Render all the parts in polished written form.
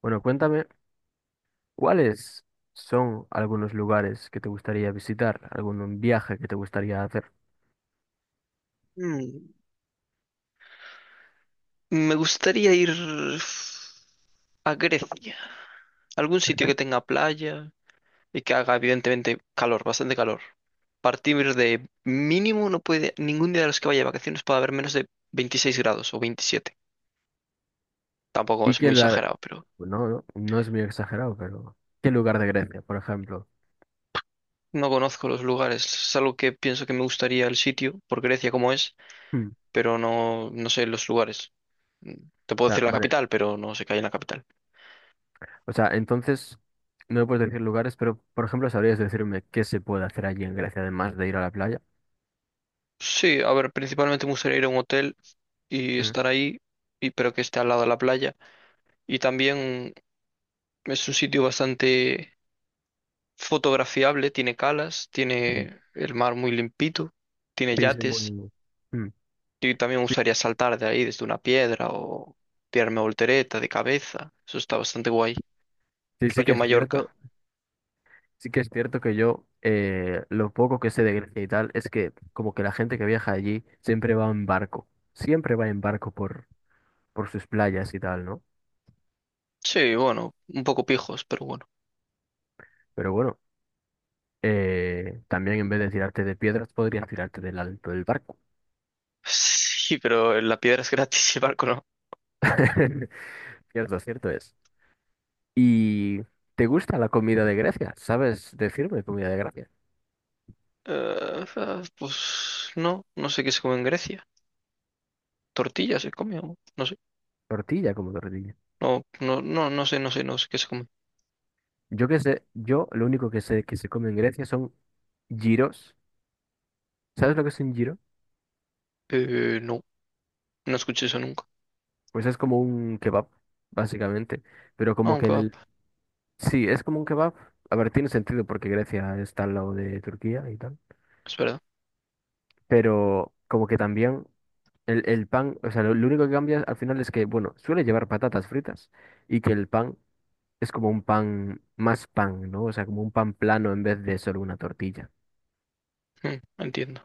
Bueno, cuéntame, ¿cuáles son algunos lugares que te gustaría visitar, algún viaje que te gustaría hacer? Mm, Me gustaría ir a Grecia, algún sitio que tenga playa y que haga evidentemente calor, bastante calor. Partir de mínimo no puede, ningún día de los que vaya de vacaciones puede haber menos de 26 grados o 27. Tampoco Y es muy que la... exagerado, pero No, no, no es muy exagerado, pero... ¿Qué lugar de Grecia, por ejemplo? no conozco los lugares. Es algo que pienso que me gustaría el sitio, por Grecia como es, Hmm, o pero no sé los lugares. Mm, Te puedo sea, decir la vale, capital, pero no sé qué hay en la capital. o sea, entonces no me puedes decir lugares, pero, por ejemplo, ¿sabrías decirme qué se puede hacer allí en Grecia además de ir a la playa? Sí, a ver, principalmente me gustaría ir a un hotel y Mm. estar ahí, y, pero que esté al lado de la playa. Y también es un sitio bastante fotografiable, tiene calas, Sí, tiene el mar muy limpito, tiene sí, sí, yates. mm, Y también me Sí, gustaría saltar de ahí desde una piedra o tirarme voltereta de cabeza. Eso está bastante guay. sí, sí que Rollo es cierto. Mallorca. Sí que es cierto que yo, lo poco que sé de Grecia y tal es que como que la gente que viaja allí siempre va en barco, siempre va en barco por sus playas y tal, ¿no? Sí, bueno, un poco pijos, pero bueno. Pero bueno, también en vez de tirarte de piedras podrías tirarte del alto del barco. Sí, pero la piedra es gratis y el barco no. Cierto, cierto es. ¿Y te gusta la comida de Grecia? ¿Sabes decirme comida de Grecia? Eh, pues no, no sé qué se come en Grecia. Tortillas se come, o no sé. Tortilla como tortilla. No sé, no sé, no sé qué se come. Yo que sé, yo lo único que sé que se come en Grecia son giros. ¿Sabes lo que es un giro? No, no escuché eso nunca. Pues es como un kebab, básicamente. Pero como que Aunque el... Sí, es como un kebab. A ver, tiene sentido porque Grecia está al lado de Turquía y tal. es verdad. Pero como que también el pan, o sea, lo único que cambia al final es que, bueno, suele llevar patatas fritas y que el pan es como un pan, más pan, ¿no? O sea, como un pan plano en vez de solo una tortilla. Mm, entiendo.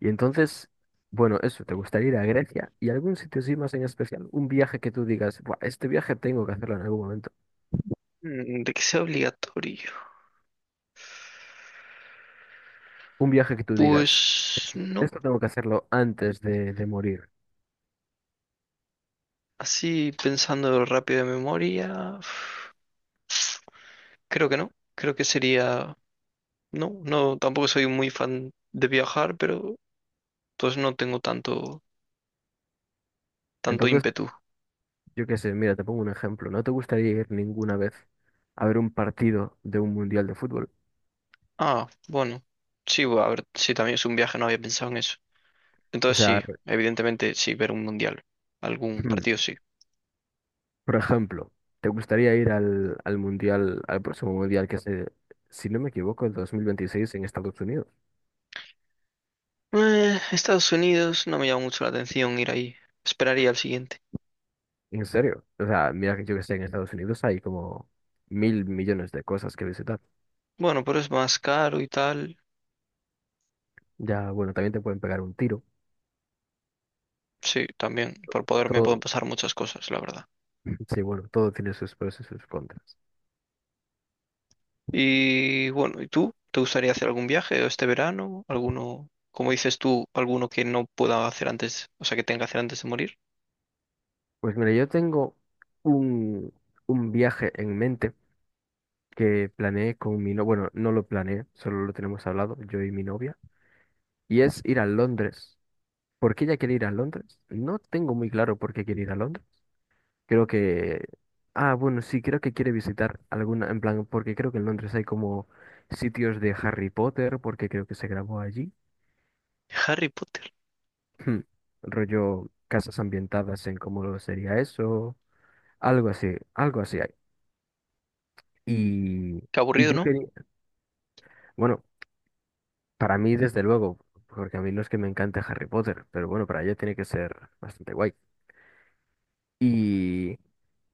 Y entonces, bueno, eso, ¿te gustaría ir a Grecia y algún sitio así más en especial? Un viaje que tú digas, "Buah, este viaje tengo que hacerlo en algún momento". Mm, de que sea obligatorio. Un viaje que tú digas, Pues no. esto tengo que hacerlo antes de morir. Así pensando rápido de memoria. Creo que no. Creo que sería. No, no, tampoco soy muy fan de viajar, pero entonces no tengo tanto, tanto Entonces, ímpetu. yo qué sé, mira, te pongo un ejemplo. ¿No te gustaría ir ninguna vez a ver un partido de un mundial de fútbol? Ah, bueno. Sí, a ver, sí, también es un viaje, no había pensado en eso. O Entonces sea, sí, re- evidentemente sí, ver un mundial. Algún partido sí. por ejemplo, ¿te gustaría ir al, al mundial, al próximo mundial que se, si no me equivoco, el 2026 en Estados Unidos? Estados Unidos no me llama mucho la atención ir ahí. Esperaría al siguiente. ¿En serio? O sea, mira que yo que sé, en Estados Unidos hay como mil millones de cosas que visitar. Bueno, pero es más caro y tal. Ya, bueno, también te pueden pegar un tiro. Sí, también. Por poder me pueden Todo, pasar muchas cosas, la verdad. sí, bueno, todo tiene sus pros y sus contras. Y bueno, ¿y tú? ¿Te gustaría hacer algún viaje este verano? ¿Alguno, como dices tú, alguno que no pueda hacer antes, o sea, que tenga que hacer antes de morir? Pues mira, yo tengo un, un viaje en mente que planeé con mi novia. Bueno, no lo planeé, solo lo tenemos hablado, yo y mi novia. Y es ir a Londres. ¿Por qué ella quiere ir a Londres? No tengo muy claro por qué quiere ir a Londres. Creo que... Ah, bueno, sí, creo que quiere visitar alguna, en plan, porque creo que en Londres hay como sitios de Harry Potter, porque creo que se grabó allí. Harry Potter. Hmm, rollo casas ambientadas en cómo sería eso. Algo así hay. Y, Qué y aburrido, yo ¿no? O quería... Bueno, para mí desde luego, porque a mí no es que me encante Harry Potter, pero bueno, para ella tiene que ser bastante guay. Y,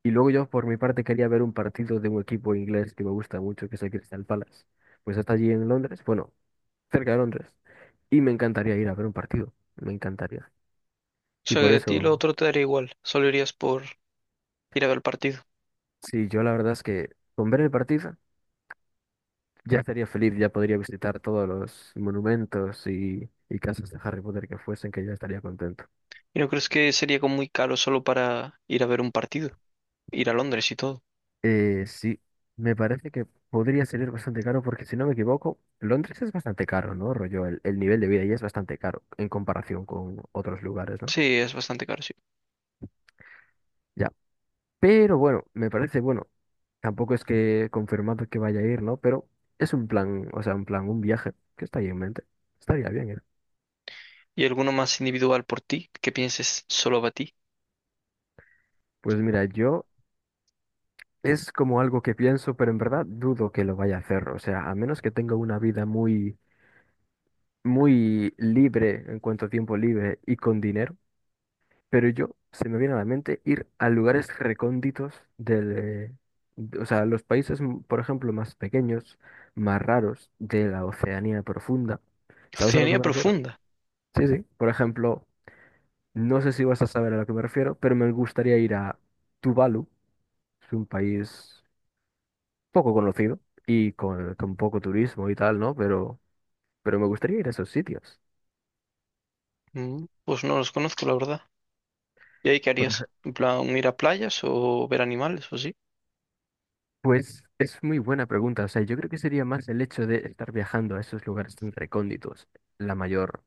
y luego yo por mi parte quería ver un partido de un equipo inglés que me gusta mucho, que es el Crystal Palace. Pues está allí en Londres, bueno, cerca de Londres. Y me encantaría ir a ver un partido, me encantaría. Y sea, por que a ti lo eso, otro te daría igual. Solo irías por ir a ver el partido. sí, yo la verdad es que con ver el partido ya estaría feliz, ya podría visitar todos los monumentos y casas de Harry Potter que fuesen, que ya estaría contento. ¿Y no crees que sería como muy caro solo para ir a ver un partido? Ir a Londres y todo. Sí, me parece que podría salir bastante caro porque si no me equivoco, Londres es bastante caro, ¿no? Rollo, el nivel de vida ahí es bastante caro en comparación con otros lugares, ¿no? Sí, es bastante caro, sí. Ya. Pero bueno, me parece bueno. Tampoco es que confirmado que vaya a ir, ¿no? Pero es un plan, o sea, un plan, un viaje que está ahí en mente. Estaría bien ir. ¿Y alguno más individual por ti que pienses solo para ti? Pues mira, yo es como algo que pienso, pero en verdad dudo que lo vaya a hacer. O sea, a menos que tenga una vida muy, muy libre en cuanto a tiempo libre y con dinero. Pero yo se me viene a la mente ir a lugares recónditos o sea, los países, por ejemplo, más pequeños, más raros de la Oceanía profunda. ¿Sabes a lo que Oceanía me refiero? profunda. Sí, sí. Por ejemplo, no sé si vas a saber a lo que me refiero, pero me gustaría ir a Tuvalu, es un país poco conocido y con poco turismo y tal, ¿no? Pero me gustaría ir a esos sitios. Pues no los conozco, la verdad. ¿Y ahí qué harías? ¿En plan ir a playas o ver animales o sí? Pues es muy buena pregunta. O sea, yo creo que sería más el hecho de estar viajando a esos lugares tan recónditos, la mayor,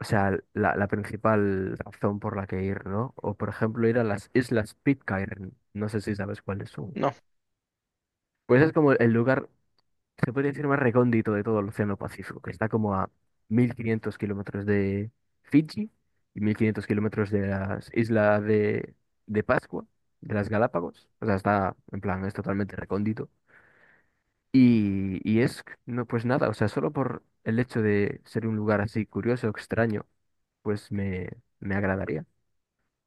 o sea, la principal razón por la que ir, ¿no? O por ejemplo, ir a las Islas Pitcairn. No sé si sabes cuáles son. No. Pues es como el lugar, se podría decir, más recóndito de todo el Océano Pacífico, que está como a 1.500 kilómetros de Fiji y 1.500 kilómetros de las islas de Pascua, de las Galápagos. O sea, está, en plan, es totalmente recóndito. Y es, no, pues nada, o sea, solo por el hecho de ser un lugar así curioso, extraño, pues me agradaría.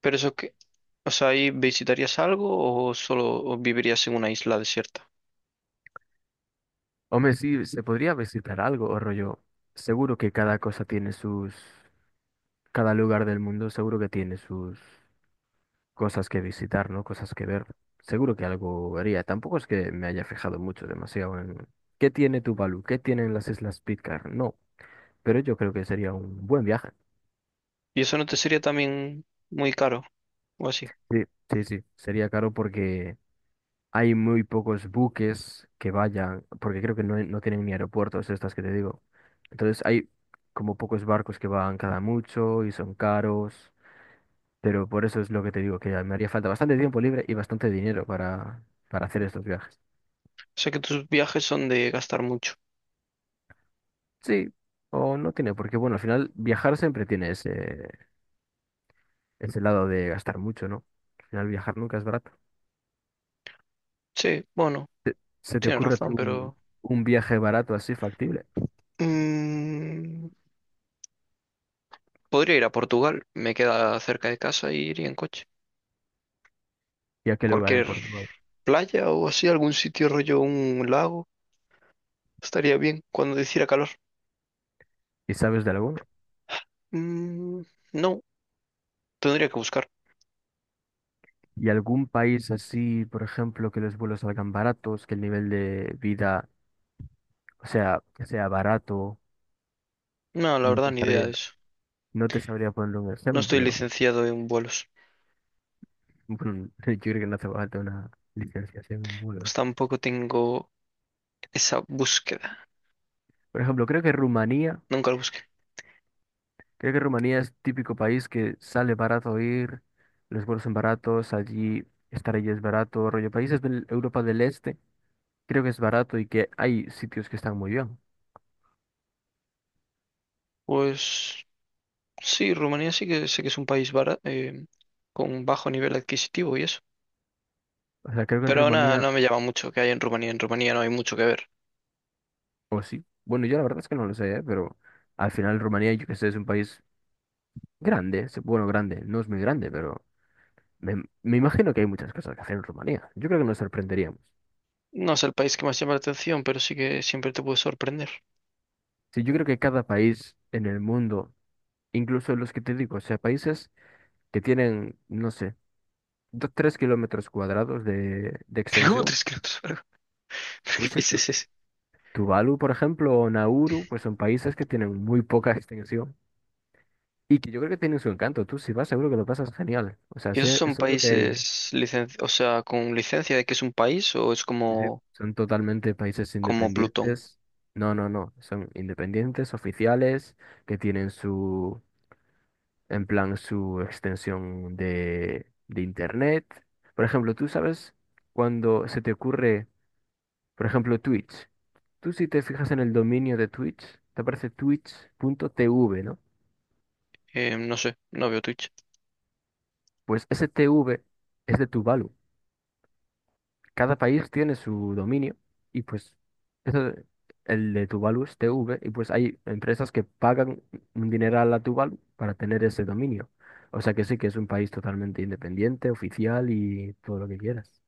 ¿Pero eso qué? O sea, ¿ahí visitarías algo o solo o vivirías en una isla desierta? Hombre, sí, se podría visitar algo, o rollo. Seguro que cada cosa tiene sus, cada lugar del mundo seguro que tiene sus cosas que visitar, ¿no? Cosas que ver. Seguro que algo vería. Tampoco es que me haya fijado mucho, demasiado en qué tiene Tuvalu, qué tienen las Islas Pitcairn. No, pero yo creo que sería un buen viaje. ¿Y eso no te sería también muy caro o así? Sí, sí, sí. Sería caro porque hay muy pocos buques que vayan, porque creo que no, no tienen ni aeropuertos estas que te digo. Entonces hay como pocos barcos que van cada mucho y son caros, pero por eso es lo que te digo, que me haría falta bastante tiempo libre y bastante dinero para hacer estos viajes. O sea que tus viajes son de gastar mucho. Sí, o no tiene, porque bueno, al final viajar siempre tiene ese lado de gastar mucho, ¿no? Al final viajar nunca es barato. Sí, bueno. ¿Te- ¿Se te Tienes ocurre a ti razón, un, pero... un viaje barato así factible? mm, podría ir a Portugal, me queda cerca de casa y iría en coche. ¿Y a qué lugar en Cualquier Portugal? playa o así, algún sitio rollo, un lago, estaría bien cuando hiciera calor. ¿Y sabes de alguno? Mm, no, tendría que buscar. Y algún país así, por ejemplo, que los vuelos salgan baratos, que el nivel de vida, o sea, que sea barato, No, la no te verdad, ni idea sabría, de eso. no te sabría poner un No estoy ejemplo. licenciado en vuelos, Bueno, yo creo que no hace falta una licenciación en vuelos. pues tampoco tengo esa búsqueda. Por ejemplo, Nunca la busqué. creo que Rumanía es típico país que sale barato ir, los vuelos son baratos, allí estar allí es barato, rollo países de Europa del Este, creo que es barato y que hay sitios que están muy bien. Pues sí, Rumanía sí que sé que es un país con bajo nivel adquisitivo y eso. O sea, creo que en Pero nada, Rumanía. no me llama mucho que hay en Rumanía. En Rumanía no hay mucho que ver. O sí. Bueno, yo la verdad es que no lo sé, ¿eh? Pero al final Rumanía, yo que sé, es un país grande. Bueno, grande, no es muy grande, pero me, me imagino que hay muchas cosas que hacer en Rumanía. Yo creo que nos sorprenderíamos. No es el país que más llama la atención, pero sí que siempre te puede sorprender. Sí, yo creo que cada país en el mundo, incluso los que te digo, o sea, países que tienen, no sé, dos, tres kilómetros cuadrados de Pero ¿cómo extensión. 3 kilómetros? ¿Pero Sí, qué sí. país es ese? Tuvalu, por ejemplo, o Nauru, pues son países que tienen muy poca extensión. Y que yo creo que tienen su encanto. Tú si vas seguro que lo pasas genial. O sea, ¿Y esos son seguro que hay... países o sea, con licencia de que es un país o es Sí, sí, como, son totalmente países como Plutón? independientes. No, no, no. Son independientes, oficiales, que tienen su, en plan, su extensión de internet. Por ejemplo, tú sabes cuando se te ocurre, por ejemplo, Twitch. Tú si te fijas en el dominio de Twitch, te aparece Twitch punto twitch.tv, ¿no? No sé, no veo Twitch. Pues ese TV es de Tuvalu. Cada país tiene su dominio y pues eso, el de Tuvalu es TV y pues hay empresas que pagan un dineral a Tuvalu para tener ese dominio. O sea que sí que es un país totalmente independiente, oficial y todo lo que quieras.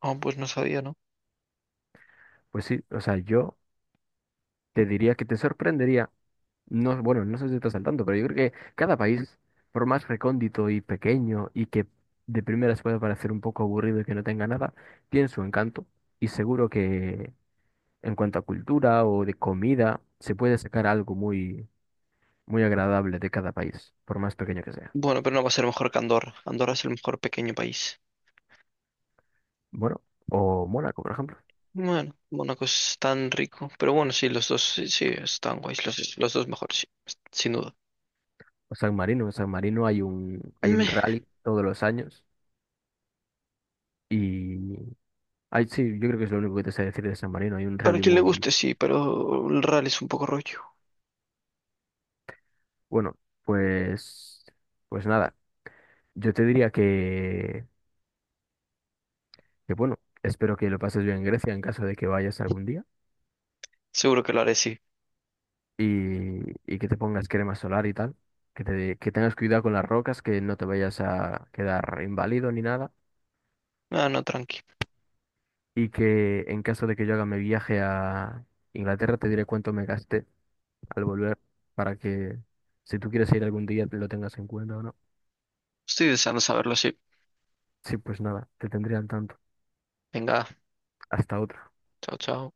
Ah, pues no sabía, ¿no? Pues sí, o sea, yo te diría que te sorprendería, no, bueno, no sé si estás al tanto, pero yo creo que cada país, por más recóndito y pequeño y que de primeras pueda parecer un poco aburrido y que no tenga nada, tiene su encanto y seguro que en cuanto a cultura o de comida, se puede sacar algo muy, muy agradable de cada país, por más pequeño que sea. Bueno, pero no va a ser mejor que Andorra. Andorra es el mejor pequeño país. Bueno, o Mónaco, por ejemplo, Bueno, Mónaco es tan rico. Pero bueno, sí, los dos sí, sí, están guays. Los dos mejores, sí, sin duda. o San Marino. En San Marino hay hay un Me rally todos los años y hay, sí, yo creo que es lo único que te sé decir de San Marino. Hay un para rally quien le muy guste, sí, pero el rally es un poco rollo. bueno, pues, pues nada, yo te diría que bueno, espero que lo pases bien en Grecia en caso de que vayas algún día. Seguro que lo haré, sí. y, y que te pongas crema solar y tal, que tengas cuidado con las rocas, que no te vayas a quedar inválido ni nada, Ah, no, tranqui. y que en caso de que yo haga mi viaje a Inglaterra te diré cuánto me gasté al volver para que si tú quieres ir algún día lo tengas en cuenta o no. Estoy deseando saberlo, sí. Sí, pues nada, te tendría al tanto. Venga, Hasta otra. chao, chao.